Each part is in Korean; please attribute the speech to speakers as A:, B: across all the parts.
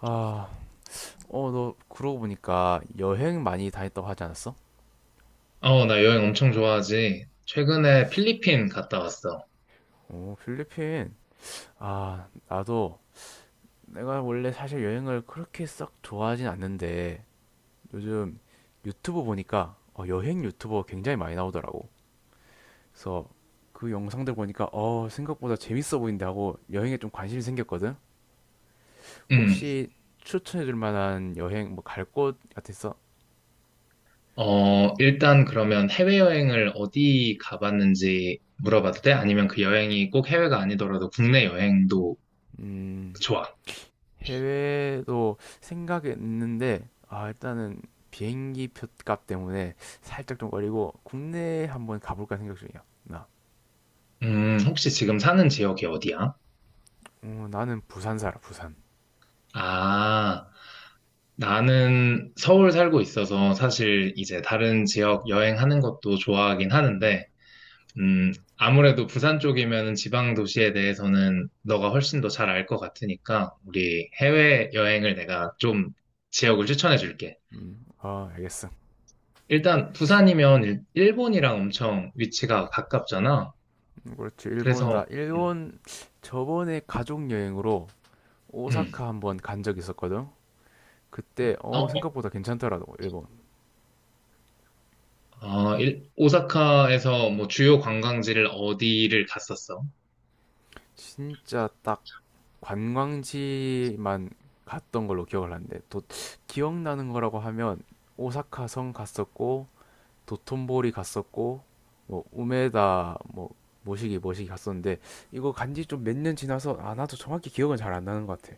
A: 아, 너 그러고 보니까 여행 많이 다녔다고 하지 않았어?
B: 어, 나 여행 엄청 좋아하지. 최근에 필리핀 갔다 왔어.
A: 오, 필리핀. 나도 내가 원래 사실 여행을 그렇게 썩 좋아하진 않는데 요즘 유튜브 보니까 여행 유튜버 굉장히 많이 나오더라고. 그래서 그 영상들 보니까 생각보다 재밌어 보인다 하고 여행에 좀 관심이 생겼거든.
B: 음.
A: 혹시 추천해 줄 만한 여행 뭐 갈 곳 같았어?
B: 어, 일단 그러면 해외여행을 어디 가봤는지 물어봐도 돼? 아니면 그 여행이 꼭 해외가 아니더라도 국내 여행도
A: 음,
B: 좋아.
A: 해외도 생각이 있는데, 일단은 비행기 표값 때문에 살짝 좀 걸리고, 국내에 한번 가볼까 생각 중이야, 나.
B: 혹시 지금 사는 지역이 어디야?
A: 어, 나는 부산 살아, 부산.
B: 아, 나는 서울 살고 있어서 사실 이제 다른 지역 여행하는 것도 좋아하긴
A: 음,
B: 하는데, 음, 아무래도 부산 쪽이면 지방 도시에 대해서는 너가 훨씬 더 잘 알 것 같으니까 우리 해외 여행을 내가 좀 지역을 추천해 줄게.
A: 아, 알겠어.
B: 일단 부산이면 일본이랑 엄청 위치가 가깝잖아.
A: 그렇지, 일본,
B: 그래서 음,
A: 일본 저번에 가족 여행으로
B: 음.
A: 오사카 한번 간 적 있었거든? 그때,
B: 어,
A: 생각보다 괜찮더라고, 일본.
B: 오사카에서 뭐 주요 관광지를 어디를 갔었어?
A: 진짜 딱 관광지만 갔던 걸로 기억을 하는데 기억나는 거라고 하면 오사카 성 갔었고 도톤보리 갔었고 뭐 우메다 뭐 모시기 갔었는데 이거 간지 좀 몇 년 지나서 아 나도 정확히 기억은 잘 안 나는 것 같아.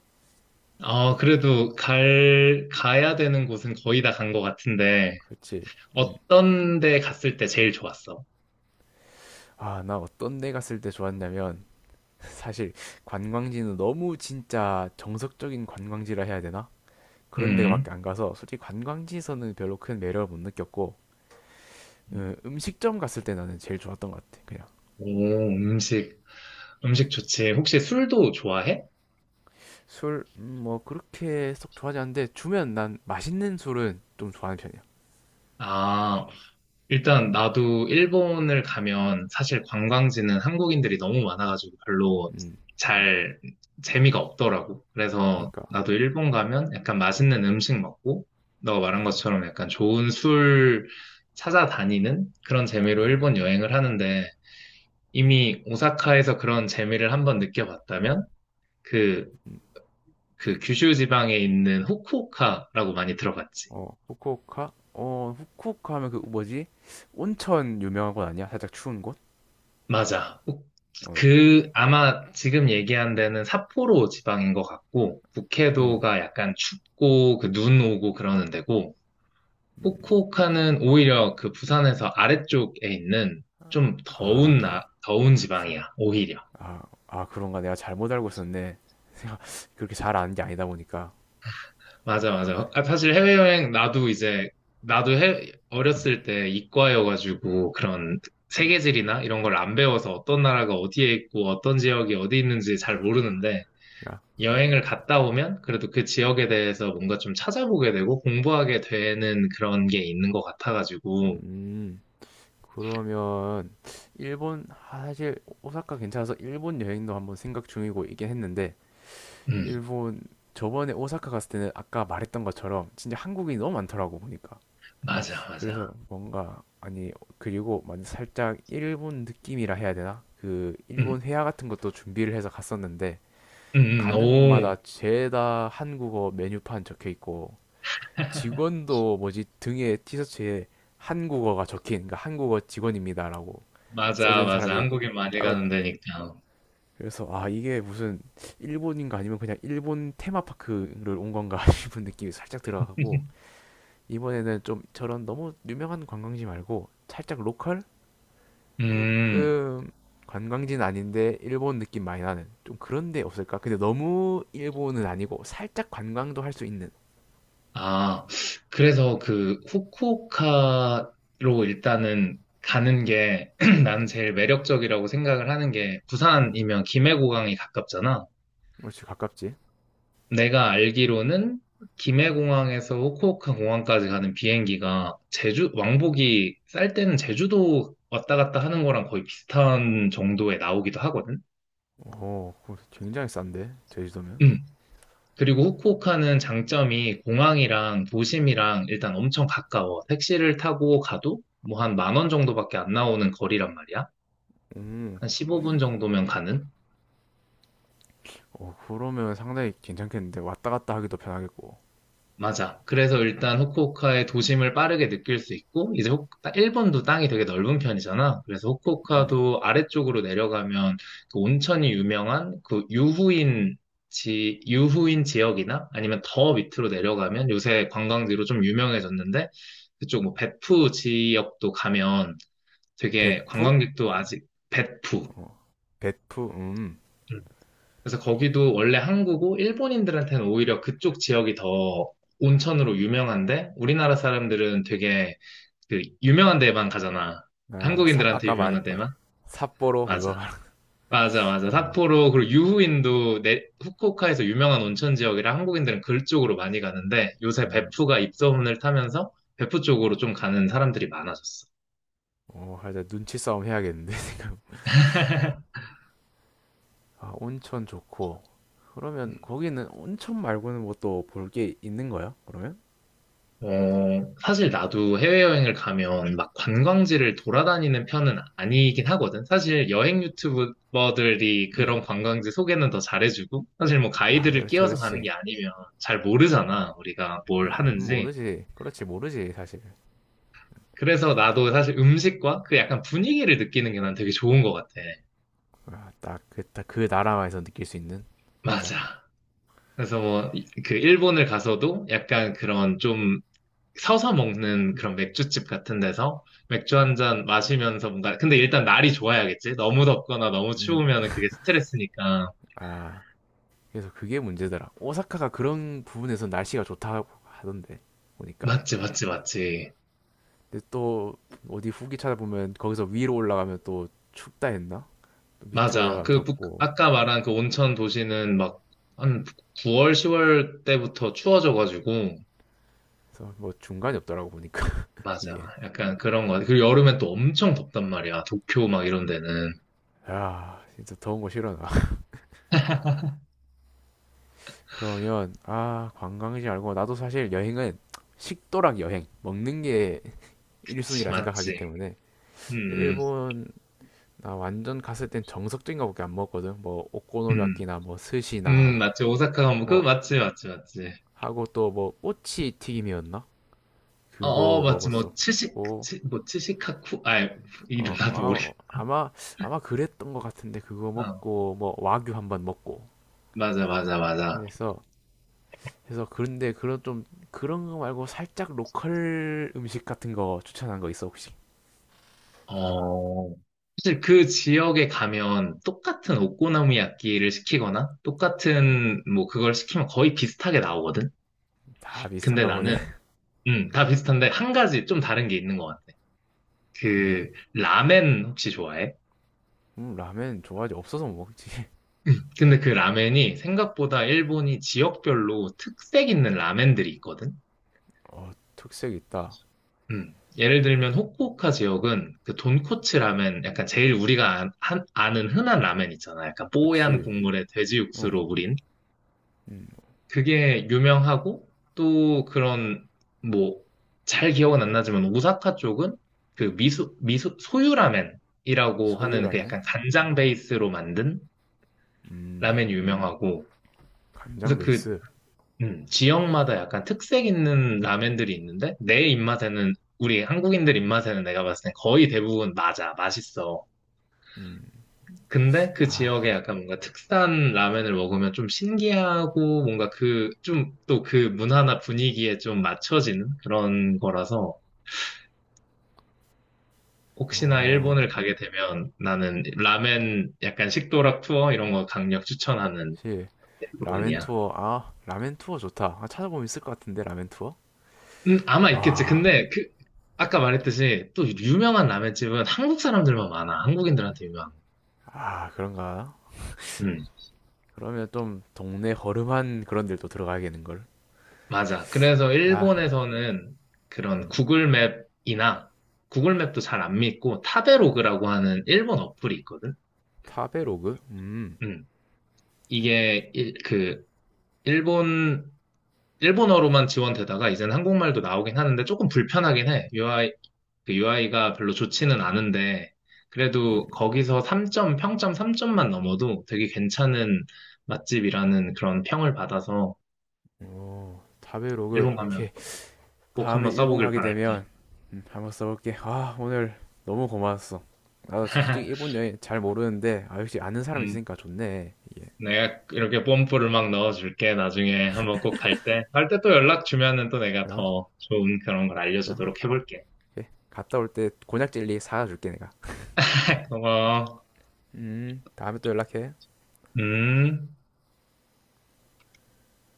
B: 아, 그래도 갈, 가야 되는 곳은 거의 다 간 것 같은데
A: 그렇지. 음.
B: 어떤 데 갔을 때 제일 좋았어?
A: 아, 나 어떤 데 갔을 때 좋았냐면 사실 관광지는 너무 진짜 정석적인 관광지라 해야 되나? 그런 데밖에
B: 음.
A: 안 가서 솔직히 관광지에서는 별로 큰 매력을 못 느꼈고 어, 음식점 갔을 때 나는 제일 좋았던 것 같아, 그냥.
B: 오, 음식, 음식 좋지. 혹시 술도 좋아해?
A: 술 뭐 그렇게 썩 좋아하지 않는데 주면 난 맛있는 술은 좀 좋아하는 편이야.
B: 아, 일단 나도 일본을 가면 사실 관광지는 한국인들이 너무 많아가지고 별로
A: 음,
B: 잘 재미가 없더라고. 그래서
A: 그러니까
B: 나도 일본 가면 약간 맛있는 음식 먹고, 너가 말한
A: 음,
B: 것처럼 약간 좋은 술 찾아다니는 그런 재미로
A: 어,
B: 일본 여행을 하는데, 이미 오사카에서 그런 재미를 한번 느껴봤다면, 그, 그 규슈 지방에 있는 후쿠오카라고 많이 들어봤지.
A: 어 후쿠오카 후쿠오카 하면 그 뭐지 온천 유명한 곳 아니야? 살짝 추운 곳?
B: 맞아.
A: 어,
B: 그, 아마 지금 얘기한 데는 삿포로 지방인 것 같고,
A: 응,
B: 북해도가 약간 춥고, 그 눈 오고 그러는 데고,
A: 음,
B: 후쿠오카는 오히려 그 부산에서 아래쪽에 있는 좀 더운
A: 아,
B: 더운 지방이야, 오히려.
A: 아, 아 그런가? 내가 잘못 알고 있었네. 내가 그렇게 잘 아는 게 아니다 보니까.
B: 맞아, 맞아. 아, 사실 해외여행, 나도 이제, 나도 해, 어렸을 때 이과여가지고, 그런
A: 음,
B: 세계지리나 이런 걸 안 배워서 어떤 나라가 어디에 있고, 어떤 지역이 어디 있는지 잘 모르는데,
A: 야,
B: 여행을 갔다 오면 그래도 그 지역에 대해서 뭔가 좀 찾아보게 되고 공부하게 되는 그런 게 있는 것 같아가지고,
A: 음. 그러면 일본 사실 오사카 괜찮아서 일본 여행도 한번 생각 중이고 이긴 했는데
B: 음,
A: 일본 저번에 오사카 갔을 때는 아까 말했던 것처럼 진짜 한국인이 너무 많더라고 보니까
B: 맞아,
A: 그래서
B: 맞아.
A: 뭔가 아니 그리고 만 살짝 일본 느낌이라 해야 되나 그
B: 음,
A: 일본 회화 같은 것도 준비를 해서 갔었는데 가는
B: 오,
A: 곳마다 죄다 한국어 메뉴판 적혀 있고 직원도 뭐지 등에 티셔츠에 한국어가 적힌 그러니까 한국어 직원입니다라고 써져
B: 맞아,
A: 있는
B: 맞아.
A: 사람이
B: 한국인 많이
A: 따로
B: 가는 데니까.
A: 그래서 아 이게 무슨 일본인가 아니면 그냥 일본 테마파크를 온 건가 싶은 느낌이 살짝 들어가고 이번에는 좀 저런 너무 유명한 관광지 말고 살짝 로컬
B: 음,
A: 조금 관광지는 아닌데 일본 느낌 많이 나는 좀 그런 데 없을까? 근데 너무 일본은 아니고 살짝 관광도 할 수 있는.
B: 아, 그래서 그 후쿠오카로 일단은 가는 게 나는 제일 매력적이라고 생각을 하는 게
A: 어,
B: 부산이면 김해고강이 가깝잖아.
A: 역시 가깝지?
B: 내가 알기로는 김해공항에서 후쿠오카 공항까지 가는 비행기가 제주, 왕복이 쌀 때는 제주도 왔다 갔다 하는 거랑 거의 비슷한 정도에 나오기도 하거든?
A: 어 그거 굉장히 싼데 제주도면.
B: 음. 그리고 후쿠오카는 장점이 공항이랑 도심이랑 일단 엄청 가까워. 택시를 타고 가도 뭐 한 만원 정도밖에 안 나오는 거리란 말이야.
A: 음,
B: 한 15분 정도면 가는?
A: 어, 그러면 상당히 괜찮겠는데 왔다 갔다 하기도 편하겠고.
B: 맞아. 그래서 일단 후쿠오카의 도심을 빠르게 느낄 수 있고, 이제 일본도 땅이 되게 넓은 편이잖아. 그래서
A: 음.
B: 후쿠오카도 아래쪽으로 내려가면 그 온천이 유명한 그 유후인 유후인 지역이나 아니면 더 밑으로 내려가면 요새 관광지로 좀 유명해졌는데, 그쪽 뭐 베푸 지역도 가면 되게
A: 베프?
B: 관광객도 아직 베푸.
A: 어, 베프,
B: 음. 그래서 거기도 원래 한국고 일본인들한테는 오히려 그쪽 지역이 더 온천으로 유명한데 우리나라 사람들은 되게 그 유명한 데만 가잖아. 한국인들한테
A: 아까
B: 유명한
A: 말했던
B: 데만?
A: 삿포로 그거
B: 맞아.
A: 말,
B: 맞아, 맞아.
A: 어,
B: 삿포로 그리고 유후인도 후쿠오카에서 유명한 온천 지역이라 한국인들은 그쪽으로 많이 가는데 요새
A: 음,
B: 베프가 입소문을 타면서 베프 쪽으로 좀 가는 사람들이 많아졌어.
A: 어, 하자 눈치 싸움 해야겠는데 지금. 아, 온천 좋고. 그러면
B: 음.
A: 거기는 온천 말고는 뭐 또 볼 게 있는 거야? 그러면?
B: 어, 사실 나도 해외여행을 가면 막 관광지를 돌아다니는 편은 아니긴 하거든. 사실 여행 유튜버들이
A: 음,
B: 그런 관광지 소개는 더 잘해주고, 사실 뭐
A: 아,
B: 가이드를
A: 그렇지,
B: 끼워서 가는
A: 그렇지.
B: 게 아니면 잘 모르잖아, 우리가 뭘 하는지.
A: 모르지, 그렇지, 모르지 사실.
B: 그래서 나도 사실 음식과 그 약간 분위기를 느끼는 게 난 되게 좋은 것 같아.
A: 아, 딱 딱 그 나라만에서 느낄 수 있는, 진짜.
B: 맞아. 그래서 뭐, 그 일본을 가서도 약간 그런 좀 서서 먹는 그런 맥주집 같은 데서 맥주 한 잔 마시면서 뭔가, 근데 일단 날이 좋아야겠지? 너무 덥거나 너무
A: 음,
B: 추우면 그게 스트레스니까.
A: 아, 그래서 그게 문제더라. 오사카가 그런 부분에서 날씨가 좋다고 하던데 보니까.
B: 맞지, 맞지, 맞지.
A: 근데 또 어디 후기 찾아보면 거기서 위로 올라가면 또 춥다 했나? 또 밑으로
B: 맞아.
A: 내려가면
B: 그,
A: 덥고
B: 아까 말한 그 온천 도시는 막, 한 9월, 10월 때부터 추워져가지고,
A: 그래서 뭐 중간이 없더라고 보니까
B: 맞아.
A: 이게.
B: 약간 그런 거 같아. 그리고 여름엔 또 엄청 덥단 말이야. 도쿄 막 이런 데는.
A: 야 진짜 더운 거 싫어 나. 그러면 아 관광지 말고 나도 사실 여행은 식도락 여행 먹는 게
B: 그치,
A: 1순위라
B: 맞지.
A: 생각하기 때문에
B: 음, 음,
A: 일본 나 완전 갔을 땐 정석적인 거밖에 안 먹었거든 뭐
B: 음,
A: 오코노미야끼나 뭐 스시나
B: 맞지. 오사카가 뭐, 그,
A: 뭐
B: 맞지, 맞지, 맞지.
A: 하고 또 뭐 꼬치 튀김이었나?
B: 어, 어,
A: 그거
B: 맞지. 뭐,
A: 먹었었고
B: 츠시카쿠? 아, 이름
A: 어,
B: 나도 모르겠
A: 아, 아마 그랬던 것 같은데 그거
B: 어,
A: 먹고 뭐 와규 한번 먹고
B: 맞아, 맞아, 맞아.
A: 해서 그런데 그런 거 말고 살짝 로컬 음식 같은 거 추천한 거 있어 혹시?
B: 어, 사실 그 지역에 가면 똑같은 오코노미야끼를 시키거나
A: 음,
B: 똑같은 뭐 그걸 시키면 거의 비슷하게 나오거든?
A: 다
B: 근데
A: 비슷한가 보네.
B: 나는,
A: 음,
B: 다 비슷한데 한 가지 좀 다른 게 있는 것 같아.
A: 어,
B: 그, 라멘 혹시 좋아해?
A: 라면 좋아하지 없어서 못 먹지.
B: 근데 그 라멘이 생각보다 일본이 지역별로 특색 있는 라멘들이 있거든?
A: 어, 특색 있다.
B: 예를 들면 후쿠오카 지역은 그 돈코츠 라멘, 약간 제일 우리가 아, 아는 흔한 라멘 있잖아. 약간 뽀얀
A: 그렇지.
B: 국물에 돼지
A: 어,
B: 육수로 우린.
A: 음,
B: 그게 유명하고 또 그런 뭐 잘 기억은 안 나지만 오사카 쪽은 그 미소 미소 소유 라멘이라고
A: 소유
B: 하는 그
A: 라면.
B: 약간 간장 베이스로 만든
A: 음,
B: 라멘 이 유명하고
A: 간장
B: 그래서 그
A: 베이스.
B: 지역마다 약간 특색 있는 라면들이 있는데, 내 입맛에는, 우리 한국인들 입맛에는 내가 봤을 땐 거의 대부분 맞아, 맛있어.
A: 음,
B: 근데 그
A: 아,
B: 지역에 약간 뭔가 특산 라면을 먹으면 좀 신기하고, 뭔가 그, 좀 또 그 문화나 분위기에 좀 맞춰지는 그런 거라서, 혹시나
A: 어,
B: 일본을 가게 되면 나는 라멘 약간 식도락 투어 이런 거 강력 추천하는
A: 그렇지. 라멘
B: 부분이야.
A: 투어. 아, 라멘 투어 좋다. 아, 찾아보면 있을 것 같은데 라멘 투어.
B: 아마 있겠지.
A: 와,
B: 근데 그 아까 말했듯이 또 유명한 라멘집은 한국 사람들만 많아. 한국인들한테 유명한.
A: 아, 그런가?
B: 음,
A: 그러면 좀 동네 허름한 그런 데도 들어가야겠는걸?
B: 맞아. 그래서
A: 아,
B: 일본에서는 그런 구글맵이나 구글맵도 잘 안 믿고 타베로그라고 하는 일본 어플이 있거든.
A: 타베로그?
B: 음, 이게 그 일본 일본어로만 지원되다가 이제는 한국말도 나오긴 하는데 조금 불편하긴 해. 유아이 그 UI가 별로 좋지는 않은데, 그래도 거기서 3점, 평점 3점만 넘어도 되게 괜찮은 맛집이라는 그런 평을 받아서
A: 오, 타베로그,
B: 일본 가면
A: 오케이.
B: 꼭
A: 다음에
B: 한번
A: 일본
B: 써보길
A: 가게
B: 바랄게.
A: 되면, 한번 써볼게. 아, 오늘 너무 고마웠어. 나도 솔직히 일본 여행 잘 모르는데, 아, 역시 아는 사람
B: 음,
A: 있으니까 좋네. 예.
B: 내가 이렇게 뽐뿌를 막 넣어줄게. 나중에 한번 꼭 갈 때. 갈 때 또 연락 주면은 또 내가
A: 어?
B: 더 좋은 그런 걸
A: 어?
B: 알려주도록 해볼게.
A: 오케이. 갔다 올 때 곤약 젤리 사다 줄게, 내가.
B: 고마워.
A: 다음에 또 연락해.
B: 음.